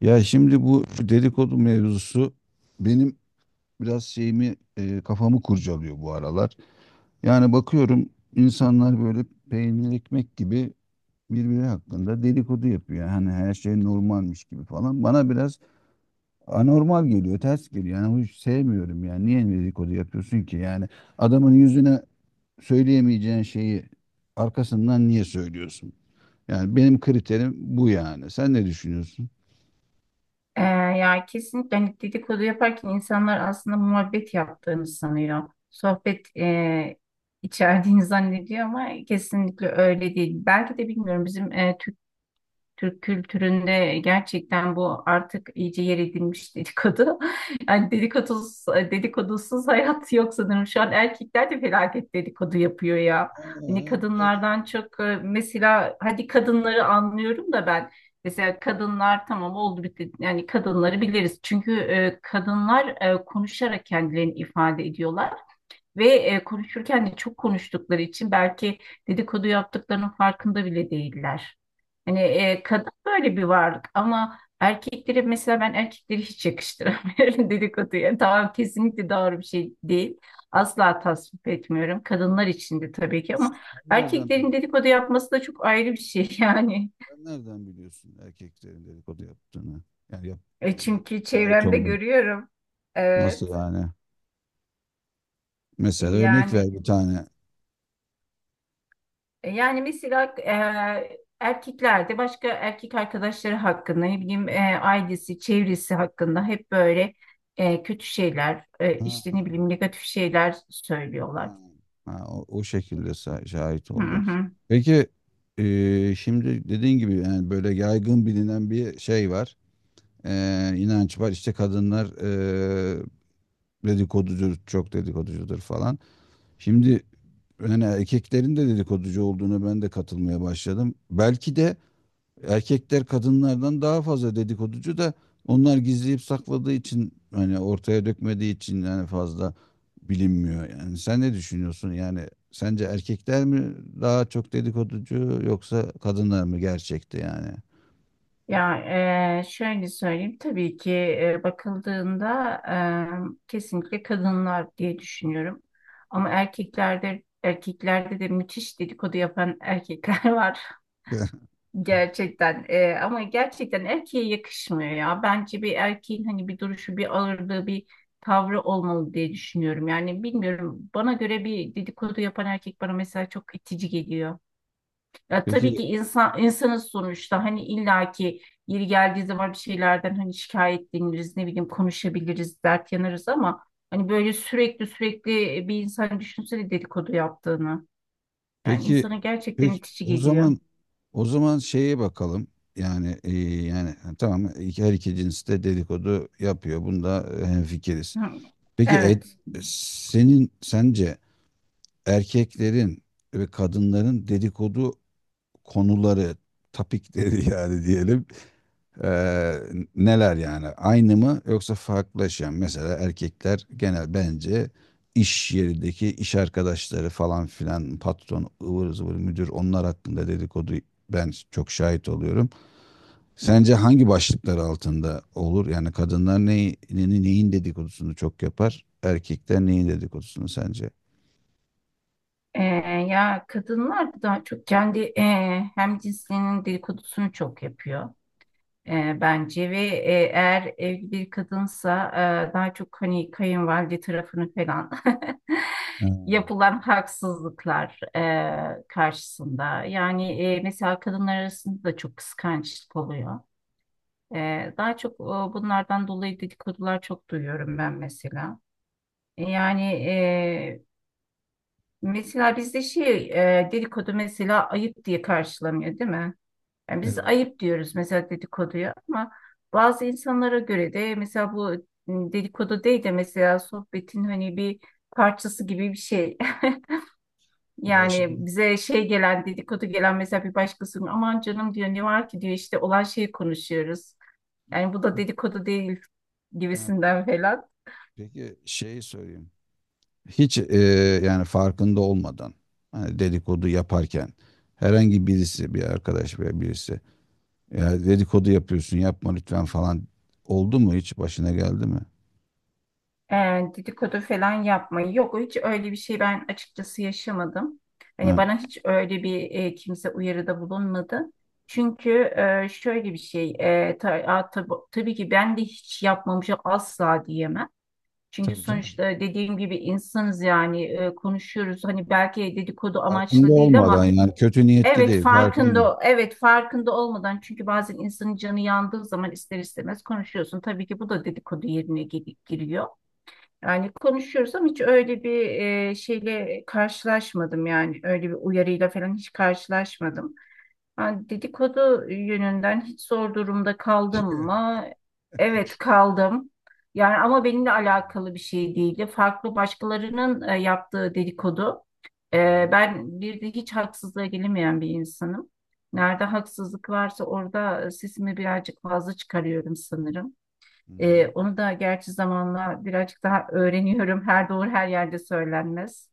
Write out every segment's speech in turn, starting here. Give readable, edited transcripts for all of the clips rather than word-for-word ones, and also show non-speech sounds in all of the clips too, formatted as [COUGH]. Ya şimdi bu dedikodu mevzusu benim biraz kafamı kurcalıyor bu aralar. Yani bakıyorum insanlar böyle peynir ekmek gibi birbiri hakkında dedikodu yapıyor. Hani her şey normalmiş gibi falan. Bana biraz anormal geliyor, ters geliyor. Yani hiç sevmiyorum yani. Niye dedikodu yapıyorsun ki? Yani adamın yüzüne söyleyemeyeceğin şeyi arkasından niye söylüyorsun? Yani benim kriterim bu yani. Sen ne düşünüyorsun? Ee, ya kesinlikle hani dedikodu yaparken insanlar aslında muhabbet yaptığını sanıyor. Sohbet içerdiğini zannediyor ama kesinlikle öyle değil. Belki de bilmiyorum bizim Türk kültüründe gerçekten bu artık iyice yer edinmiş dedikodu. [LAUGHS] Yani dedikodusuz hayat [LAUGHS] yok sanırım. Şu an erkekler de felaket dedikodu yapıyor ya. Ha, Hani bir de kadınlardan çok mesela hadi kadınları anlıyorum da ben mesela kadınlar tamam oldu bitti yani kadınları biliriz. Çünkü kadınlar konuşarak kendilerini ifade ediyorlar. Ve konuşurken de çok konuştukları için belki dedikodu yaptıklarının farkında bile değiller. Hani kadın böyle bir varlık ama erkekleri mesela ben erkekleri hiç yakıştıramıyorum [LAUGHS] dedikoduya. Tamam kesinlikle doğru bir şey değil. Asla tasvip etmiyorum. Kadınlar için de tabii ki ama nereden erkeklerin biliyorsun? dedikodu yapması da çok ayrı bir şey [LAUGHS] yani. Sen nereden biliyorsun erkeklerin dedikodu yaptığını? Yani yap, yani ne- Çünkü şahit çevremde oldum. görüyorum. Nasıl Evet. yani? Mesela örnek Yani ver bir tane. yani mesela erkeklerde başka erkek arkadaşları hakkında ne bileyim ailesi, çevresi hakkında hep böyle kötü şeyler, Ha, işte ne bileyim negatif şeyler söylüyorlar. ha, o şekilde şahit Hı oldum. hı. Peki şimdi dediğin gibi yani böyle yaygın bilinen bir şey var. E, inanç var. İşte kadınlar dedikoducudur, çok dedikoducudur falan. Şimdi yani erkeklerin de dedikoducu olduğuna ben de katılmaya başladım. Belki de erkekler kadınlardan daha fazla dedikoducu da onlar gizleyip sakladığı için hani ortaya dökmediği için yani fazla bilinmiyor. Yani sen ne düşünüyorsun? Yani sence erkekler mi daha çok dedikoducu yoksa kadınlar mı gerçekte yani? Ya şöyle söyleyeyim tabii ki bakıldığında kesinlikle kadınlar diye düşünüyorum. Ama erkeklerde de müthiş dedikodu yapan erkekler [LAUGHS] var. [LAUGHS] Gerçekten ama gerçekten erkeğe yakışmıyor ya. Bence bir erkeğin hani bir duruşu, bir ağırlığı, bir tavrı olmalı diye düşünüyorum. Yani bilmiyorum bana göre bir dedikodu yapan erkek bana mesela çok itici geliyor. Ya tabii Peki ki insan insanız sonuçta hani illaki yeri geldiği zaman bir şeylerden hani şikayetleniriz, ne bileyim konuşabiliriz, dert yanarız ama hani böyle sürekli bir insan düşünsene dedikodu yaptığını. Yani peki insana gerçekten peki itici o geliyor. zaman o zaman şeye bakalım. Yani yani tamam her iki cins de dedikodu yapıyor. Bunda hemfikiriz. Hı, Peki evet. senin sence erkeklerin ve kadınların dedikodu konuları, topikleri [LAUGHS] yani diyelim eee, neler yani? Aynı mı yoksa farklılaşan? Mesela erkekler genel bence iş yerindeki iş arkadaşları falan filan patron, ıvır zıvır müdür onlar hakkında dedikodu ben çok şahit oluyorum. Sence hangi başlıklar altında olur? Yani kadınlar neyi, neyin neyin dedikodusunu çok yapar? Erkekler neyin dedikodusunu sence? Ee, Ya kadınlar daha çok kendi hem cinsinin dedikodusunu çok yapıyor bence ve eğer evli bir kadınsa daha çok hani kayınvalide tarafını falan Ha, [LAUGHS] yapılan haksızlıklar karşısında yani mesela kadınlar arasında da çok kıskançlık oluyor. Daha çok bunlardan dolayı dedikodular çok duyuyorum ben mesela. Yani mesela bizde şey dedikodu mesela ayıp diye karşılanıyor değil mi? Yani biz evet. ayıp diyoruz mesela dedikoduya ama bazı insanlara göre de mesela bu dedikodu değil de mesela sohbetin hani bir parçası gibi bir şey. [LAUGHS] Ya şimdi Yani bize şey gelen dedikodu gelen mesela bir başkasının aman canım diyor ne var ki diyor işte olan şeyi konuşuyoruz. Yani bu da dedikodu değil Ha, peki, gibisinden falan. peki şeyi söyleyeyim. Hiç yani farkında olmadan hani dedikodu yaparken herhangi birisi bir arkadaş veya birisi ya dedikodu yapıyorsun yapma lütfen falan oldu mu hiç başına geldi mi? e, Dedikodu falan yapmayı. Yok hiç öyle bir şey ben açıkçası yaşamadım. Ha, Hani bana hiç öyle bir kimse uyarıda bulunmadı. Çünkü şöyle bir şey tabii ki ben de hiç yapmamışım asla diyemem. Çünkü tabii sonuçta canım. dediğim gibi insanız yani konuşuyoruz. Hani belki dedikodu Farkında amaçlı değil olmadan ama yani kötü niyetli evet değil farkında. farkında evet farkında olmadan çünkü bazen insanın canı yandığı zaman ister istemez konuşuyorsun. Tabii ki bu da dedikodu yerine giriyor. Yani konuşuyoruz ama hiç öyle bir şeyle karşılaşmadım yani öyle bir uyarıyla falan hiç karşılaşmadım. Yani dedikodu yönünden hiç zor durumda kaldım Evet. mı? Evet kaldım. Yani ama benimle alakalı bir şey değildi. Farklı başkalarının yaptığı dedikodu. [LAUGHS] Hı hı, Ben bir de hiç haksızlığa gelemeyen bir insanım. Nerede haksızlık varsa orada sesimi birazcık fazla çıkarıyorum sanırım. hı hı. Onu da gerçi zamanla birazcık daha öğreniyorum. Her doğru her yerde söylenmez.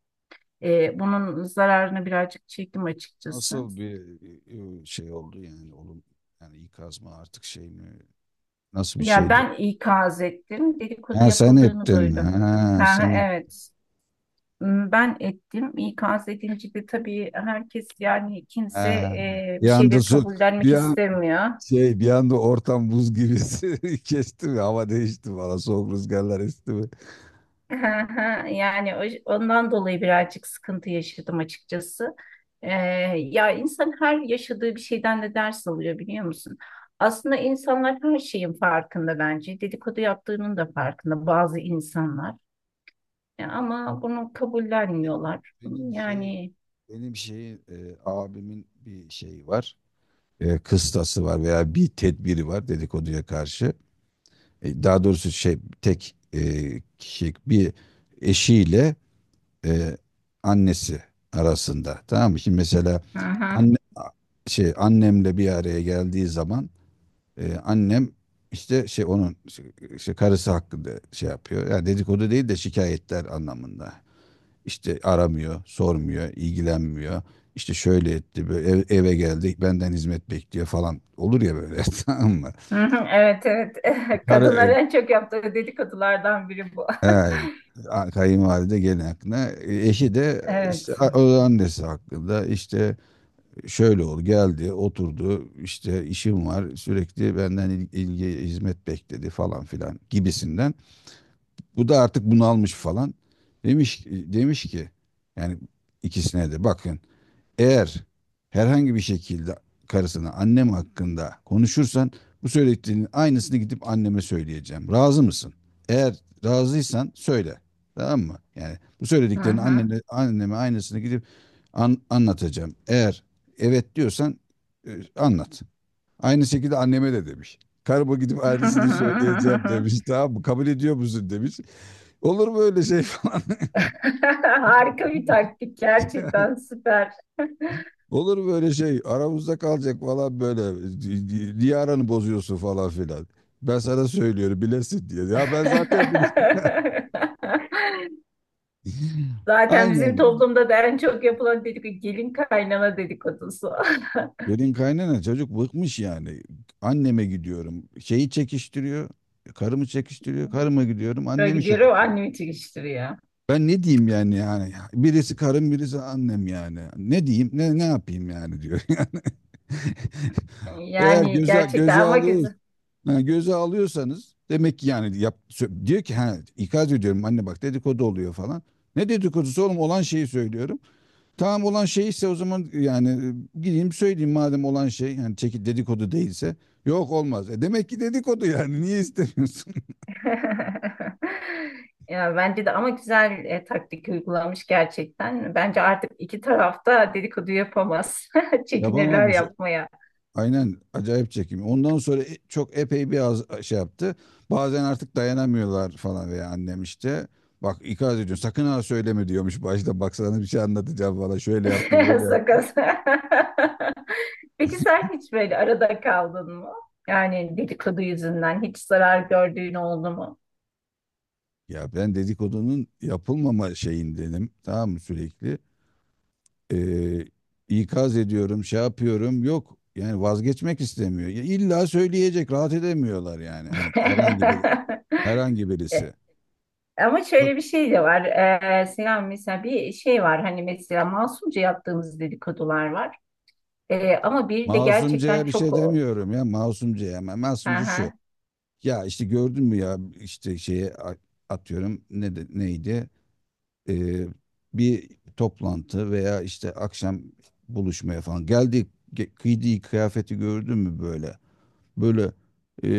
Bunun zararını birazcık çektim açıkçası. Nasıl bir şey oldu yani oğlum yani ikaz mı artık şey mi nasıl bir Ya şeydi? ben ikaz ettim. Ha Dedikodu sen yapıldığını ettin. duydum. Ha Ha, sen evet. Hmm, ben ettim. İkaz edince de tabii herkes yani kimse Ha, bir bir anda şeyleri su kabullenmek bir an istemiyor. şey bir anda ortam buz gibi [LAUGHS] kesti mi? Hava değişti mi? Valla soğuk rüzgarlar esti mi? Ha, ha, yani ondan dolayı birazcık sıkıntı yaşadım açıkçası. Ee, Ya insan her yaşadığı bir şeyden de ders alıyor biliyor musun? Aslında insanlar her şeyin farkında bence. Dedikodu yaptığının da farkında bazı insanlar. Ya ama bunu Benim, kabullenmiyorlar. benim şey Yani benim şeyin e, abimin bir şeyi var. E, kıstası var veya bir tedbiri var dedikoduya karşı. E, daha doğrusu şey tek kişi bir eşiyle e, annesi arasında. Tamam mı? Şimdi mesela hı hı. anne şey annemle bir araya geldiği zaman annem işte şey onun işte karısı hakkında şey yapıyor. Yani dedikodu değil de şikayetler anlamında. İşte aramıyor, sormuyor, ilgilenmiyor. İşte şöyle etti, böyle eve geldik, benden hizmet bekliyor falan. Olur ya böyle, [LAUGHS] tamam mı? Hı hı. Evet, evet. [LAUGHS] Kadınlar Karı, en çok yaptığı dedikodulardan biri bu. [LAUGHS] Kayınvalide gelin hakkında. E, eşi de Evet. işte o annesi hakkında işte şöyle oldu geldi oturdu işte işim var sürekli benden ilgi hizmet bekledi falan filan gibisinden. Bu da artık bunalmış falan. Demiş ki yani ikisine de bakın eğer herhangi bir şekilde karısına annem hakkında konuşursan bu söylediklerinin aynısını gidip anneme söyleyeceğim. Razı mısın? Eğer razıysan söyle. Tamam mı? Yani bu Hı söylediklerini hı. annene, anneme aynısını gidip anlatacağım. Eğer evet diyorsan anlat. Aynı şekilde anneme de demiş. Karıma gidip aynısını söyleyeceğim [LAUGHS] demiş. Tamam mı? Kabul ediyor musun demiş. Olur mu öyle şey falan. [LAUGHS] Harika bir taktik [LAUGHS] gerçekten süper. [LAUGHS] Olur böyle şey aramızda kalacak falan böyle niye aranı bozuyorsun falan filan. Ben sana söylüyorum bilesin diye. Ya ben zaten biliyorum. [LAUGHS] Zaten bizim Aynen. toplumda da en çok yapılan dedikodu gelin kaynana dedikodusu. [LAUGHS] Gelin kaynana çocuk bıkmış yani. Anneme gidiyorum. Şeyi çekiştiriyor. Karımı çekiştiriyor. Karıma gidiyorum. Böyle Annemi şey gidiyorum yapıyor. annemi çekiştiriyor. Ben ne diyeyim yani yani. Birisi karım birisi annem yani. Ne diyeyim ne ne yapayım yani diyor. [LAUGHS] Yani. Eğer Yani göze, gerçekten göze ama alıyor güzel. ha, göze alıyorsanız demek ki yani diyor ki ha ikaz ediyorum anne bak dedikodu oluyor falan. Ne dedikodusu oğlum olan şeyi söylüyorum. Tamam olan şey ise o zaman yani gideyim söyleyeyim madem olan şey yani çekip dedikodu değilse. Yok olmaz. E demek ki dedikodu yani niye istemiyorsun? [LAUGHS] Ya bence de ama güzel taktik uygulamış gerçekten. Bence artık iki tarafta dedikodu yapamaz. [LAUGHS] [LAUGHS] Çekinirler Yapamamış. yapmaya. Aynen acayip çekim. Ondan sonra çok epey bir az şey yaptı. Bazen artık dayanamıyorlar falan veya annem işte. Bak ikaz ediyor sakın ha söyleme diyormuş başta baksana bir şey anlatacağım falan şöyle yaptı [LAUGHS] böyle yaptı. Sakız. [LAUGHS] Peki sen hiç böyle arada kaldın mı? Yani dedikodu yüzünden hiç zarar gördüğün oldu mu? Ya ben dedikodunun yapılmama şeyindenim. Tamam mı sürekli? Ee, ikaz ediyorum, şey yapıyorum. Yok. Yani vazgeçmek istemiyor. Ya illa söyleyecek, rahat edemiyorlar yani. Hani herhangi bir [LAUGHS] herhangi birisi. E, Ama Bak şöyle bir şey de var. Selam mesela bir şey var. Hani mesela masumca yaptığımız dedikodular var. Ama bir de gerçekten masumcaya bir çok şey demiyorum ya. Masumcaya ama hı masumca şu. hı, Ya işte gördün mü ya işte şeye atıyorum ne neydi? Ee, bir toplantı veya işte akşam buluşmaya falan geldik giydiği kıyafeti gördün mü böyle böyle e,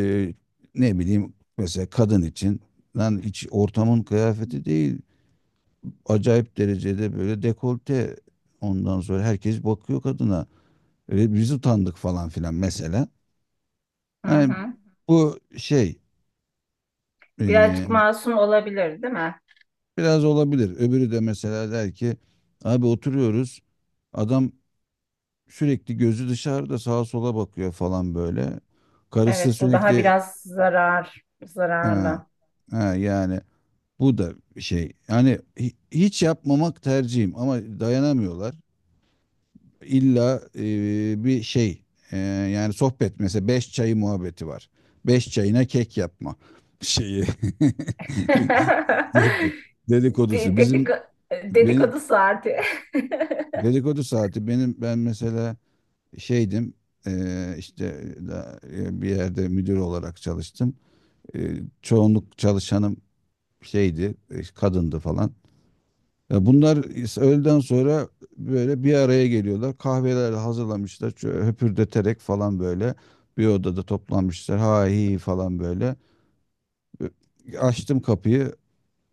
ne bileyim mesela kadın için lan hiç ortamın kıyafeti değil. Acayip derecede böyle dekolte ondan sonra herkes bakıyor kadına. Öyle biz utandık falan filan mesela. hı Hani hı. bu şey Birazcık e, masum olabilir, değil mi? biraz olabilir. Öbürü de mesela der ki abi oturuyoruz adam sürekli gözü dışarıda sağa sola bakıyor falan böyle. Karısı Evet, bu daha sürekli biraz zarar, ha, zararlı. ha, yani bu da şey yani hiç yapmamak tercihim ama dayanamıyorlar. İlla bir şey yani sohbet mesela beş çayı muhabbeti var. Beş çayına kek yapma şeyi [LAUGHS] [LAUGHS] dedi- De- dedikodusu. Dedik Benim Dedikodu saati. [LAUGHS] dedikodu saati benim ben mesela şeydim işte bir yerde müdür olarak çalıştım. E, çoğunluk çalışanım şeydi kadındı falan. Ya bunlar öğleden sonra böyle bir araya geliyorlar. Kahveler hazırlamışlar. Şöyle höpürdeterek falan böyle bir odada toplanmışlar. Ha hi falan böyle. Ö- Açtım kapıyı.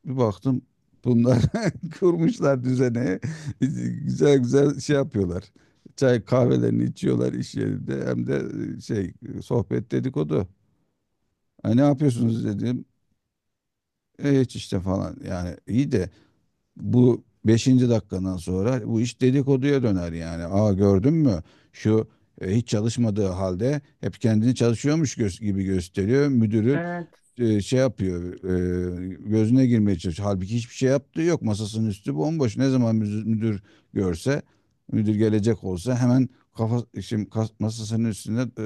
Bir baktım bunlar [LAUGHS] kurmuşlar düzene. [LAUGHS] Güzel güzel şey yapıyorlar. Çay kahvelerini içiyorlar iş yerinde. Hem de şey sohbet dedikodu. Ha, ne yapıyorsunuz dedim. E, hiç işte falan. Yani iyi de bu beşinci dakikandan sonra bu iş dedikoduya döner yani. Aa gördün mü? Şu hiç çalışmadığı halde hep kendini çalışıyormuş gibi gösteriyor. Müdürü Evet, şey yapıyor gözüne girmeye çalışıyor. Halbuki hiçbir şey yaptığı yok. Masasının üstü bomboş. Ne zaman müdür görse müdür gelecek olsa hemen kafa şimdi masasının üstüne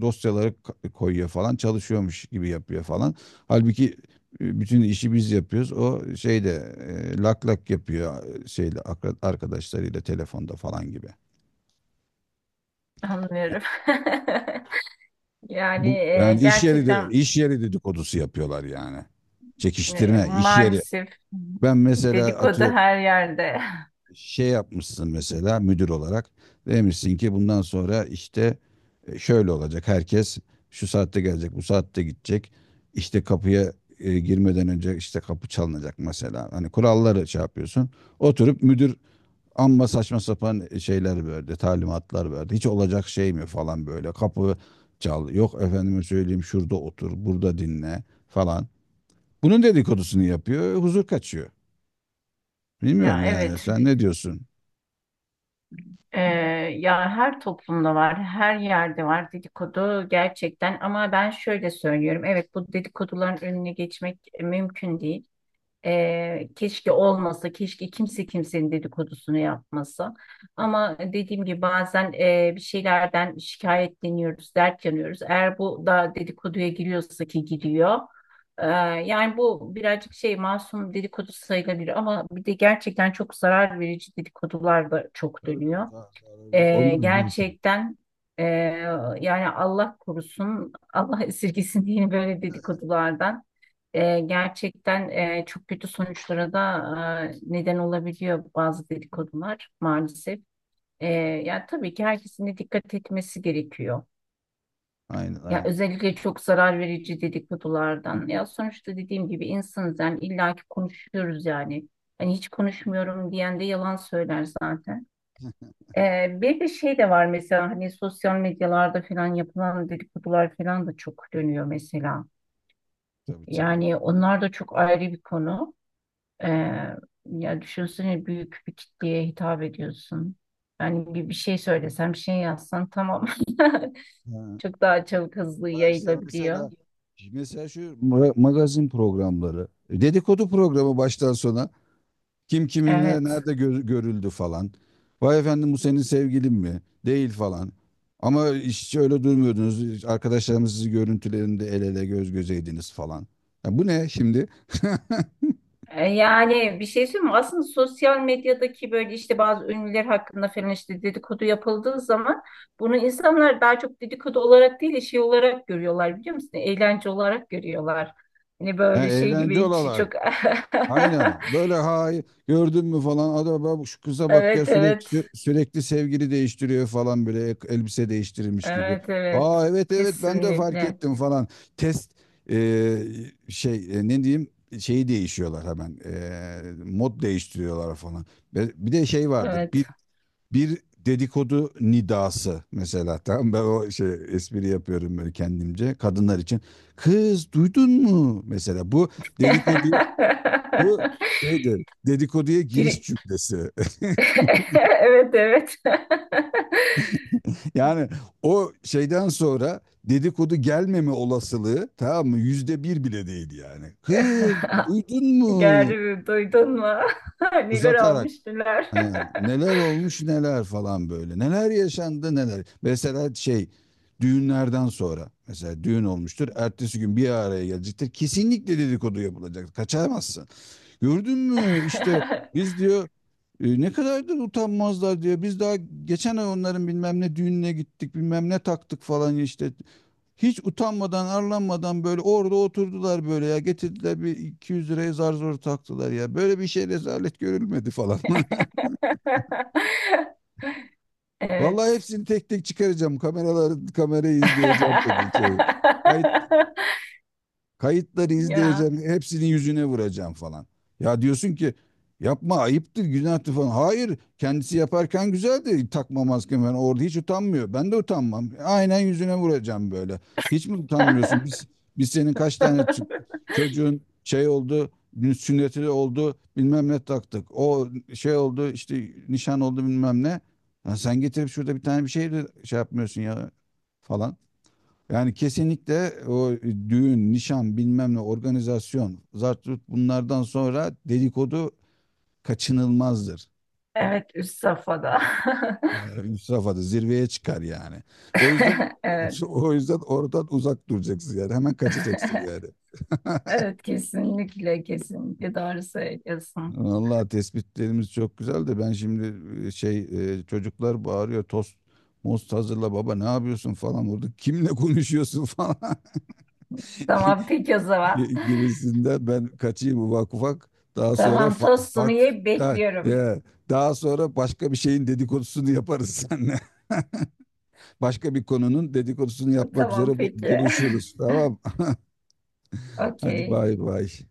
dosyaları koyuyor falan çalışıyormuş gibi yapıyor falan. Halbuki bütün işi biz yapıyoruz. O şeyde lak lak yapıyor şeyle arkadaşlarıyla telefonda falan gibi. anlıyorum. [LAUGHS] Yani Bu yani gerçekten iş yeri dedikodusu yapıyorlar yani. Çekiştirme, iş yeri. maalesef Ben mesela dedikodu atıyor her yerde. [LAUGHS] şey yapmışsın mesela müdür olarak demişsin ki bundan sonra işte şöyle olacak herkes şu saatte gelecek bu saatte gidecek işte kapıya girmeden önce işte kapı çalınacak mesela hani kuralları şey yapıyorsun oturup müdür amma saçma sapan şeyler verdi talimatlar verdi hiç olacak şey mi falan böyle kapı çal yok efendime söyleyeyim şurada otur burada dinle falan bunun dedikodusunu yapıyor huzur kaçıyor. Ya Bilmiyorum yani. evet. Sen ne diyorsun? Ee, Ya her toplumda var, her yerde var dedikodu gerçekten ama ben şöyle söylüyorum. Evet bu dedikoduların önüne geçmek mümkün değil. Keşke olmasa, keşke kimse kimsenin dedikodusunu yapmasa. Ama dediğim gibi bazen bir şeylerden şikayetleniyoruz, dert yanıyoruz. Eğer bu da dedikoduya giriyorsa ki giriyor. Ee, Yani bu birazcık şey masum dedikodu sayılabilir ama bir de gerçekten çok zarar verici dedikodular da çok Tabii dönüyor. tabii. Daha sonra böyle onlar zaten. Gerçekten ee, yani Allah korusun, [LAUGHS] Allah esirgesin diye böyle dedikodulardan gerçekten çok kötü sonuçlara da neden olabiliyor bazı dedikodular maalesef. Ee, Yani tabii ki herkesin de dikkat etmesi gerekiyor. Aynen Ya aynen. özellikle çok zarar verici dedikodulardan. Ya sonuçta dediğim gibi insanız yani illaki konuşuyoruz yani. Hani hiç konuşmuyorum diyen de yalan söyler zaten. Bir de şey de var mesela hani sosyal medyalarda falan yapılan dedikodular falan da çok dönüyor mesela. Tabii tabii. Yani onlar da çok ayrı bir konu. Ee, Ya düşünsene büyük bir kitleye hitap ediyorsun. Yani bir şey söylesen, bir şey yazsan tamam. Ha, [LAUGHS] Çok daha çabuk hızlı ha işte yayılabiliyor. mesela mesela şu magazin programları, e, dedikodu programı baştan sona kim kiminle Evet. nerede görüldü falan. Vay efendim bu senin sevgilin mi? Değil falan. Ama hiç öyle durmuyordunuz. Hiç arkadaşlarımız sizi görüntülerinde el ele göz gözeydiniz falan. Ya bu ne şimdi? [LAUGHS] Yani bir şey söyleyeyim mi? Aslında sosyal medyadaki böyle işte bazı ünlüler hakkında falan işte dedikodu yapıldığı zaman bunu insanlar daha çok dedikodu olarak değil de şey olarak görüyorlar biliyor musun? Eğlence olarak görüyorlar. Hani Ha, böyle şey eğlence gibi hiç olarak. çok [LAUGHS] Aynen. Böyle ha gördün mü falan adam bak şu kıza bak ya evet, sürekli evet. sürekli sevgili değiştiriyor falan böyle elbise değiştirilmiş gibi. Evet, evet. Aa evet evet ben de fark Kesinlikle. ettim falan. Test e, şey ne diyeyim şeyi değişiyorlar hemen. E, mod değiştiriyorlar falan. Ve bir de şey vardır. Bir Evet. bir dedikodu nidası mesela [LAUGHS] tamam ben o şey espri yapıyorum böyle kendimce kadınlar için. Kız duydun mu mesela bu dedikodu bu [LAUGHS] şeydi dedikoduya giriş Giri- cümlesi. [LAUGHS] [LAUGHS] Evet, evet. Yani o şeyden sonra dedikodu gelmeme olasılığı tamam mı %1 bile değil yani. Kız [LAUGHS] duydun [LAUGHS] mu? Gerri duydun mu? [LAUGHS] Neler Uzatarak olmuş neler. "He, neler olmuş neler falan böyle. Neler yaşandı neler. Mesela şey düğünlerden sonra mesela düğün olmuştur. Ertesi gün bir araya gelecektir. Kesinlikle dedikodu yapılacak. Kaçamazsın. Gördün mü işte biz diyor ne kadar da utanmazlar diyor. Biz daha geçen ay onların bilmem ne düğününe gittik bilmem ne taktık falan işte. Hiç utanmadan arlanmadan böyle orada oturdular böyle ya getirdiler bir 200 liraya zar zor taktılar ya. Böyle bir şey rezalet görülmedi falan. [LAUGHS] [LAUGHS] Vallahi Evet. hepsini tek tek çıkaracağım kameraları kamerayı izleyeceğim dedi şey. Kayıt [LAUGHS] Kayıtları Ya. izleyeceğim, hepsinin yüzüne vuracağım falan. Ya diyorsun ki yapma ayıptır, günahtır falan. Hayır, kendisi yaparken güzeldi takma maske falan. Orada hiç utanmıyor. Ben de utanmam. Aynen yüzüne vuracağım böyle. Hiç mi utanmıyorsun? Biz senin kaç tane [LAUGHS] çocuğun şey oldu, sünneti oldu, bilmem ne taktık. O şey oldu, işte nişan oldu bilmem ne. Ya sen getirip şurada bir tane bir şey de şey yapmıyorsun ya falan. Yani kesinlikle o düğün, nişan, bilmem ne, organizasyon, zartut bunlardan sonra dedikodu kaçınılmazdır. Evet üst safhada. Üst safhada zirveye çıkar yani. O yüzden [LAUGHS] Evet. [LAUGHS] o yüzden oradan uzak duracaksın yani. Hemen kaçacaksın [LAUGHS] yani. [LAUGHS] Evet kesinlikle kesinlikle doğru söylüyorsun. Vallahi tespitlerimiz çok güzel de ben şimdi şey çocuklar bağırıyor tost most hazırla baba ne yapıyorsun falan orada kimle konuşuyorsun [LAUGHS] falan Tamam peki o zaman. Gibisinden ben kaçayım ufak ufak. Daha sonra Tamam tostunu yiyip da- bekliyorum. ya, daha sonra başka bir şeyin dedikodusunu yaparız [LAUGHS] seninle. Başka bir konunun dedikodusunu yapmak Tamam üzere peki. [LAUGHS] buluşuruz. Tamam. Hadi Okey. bay bay.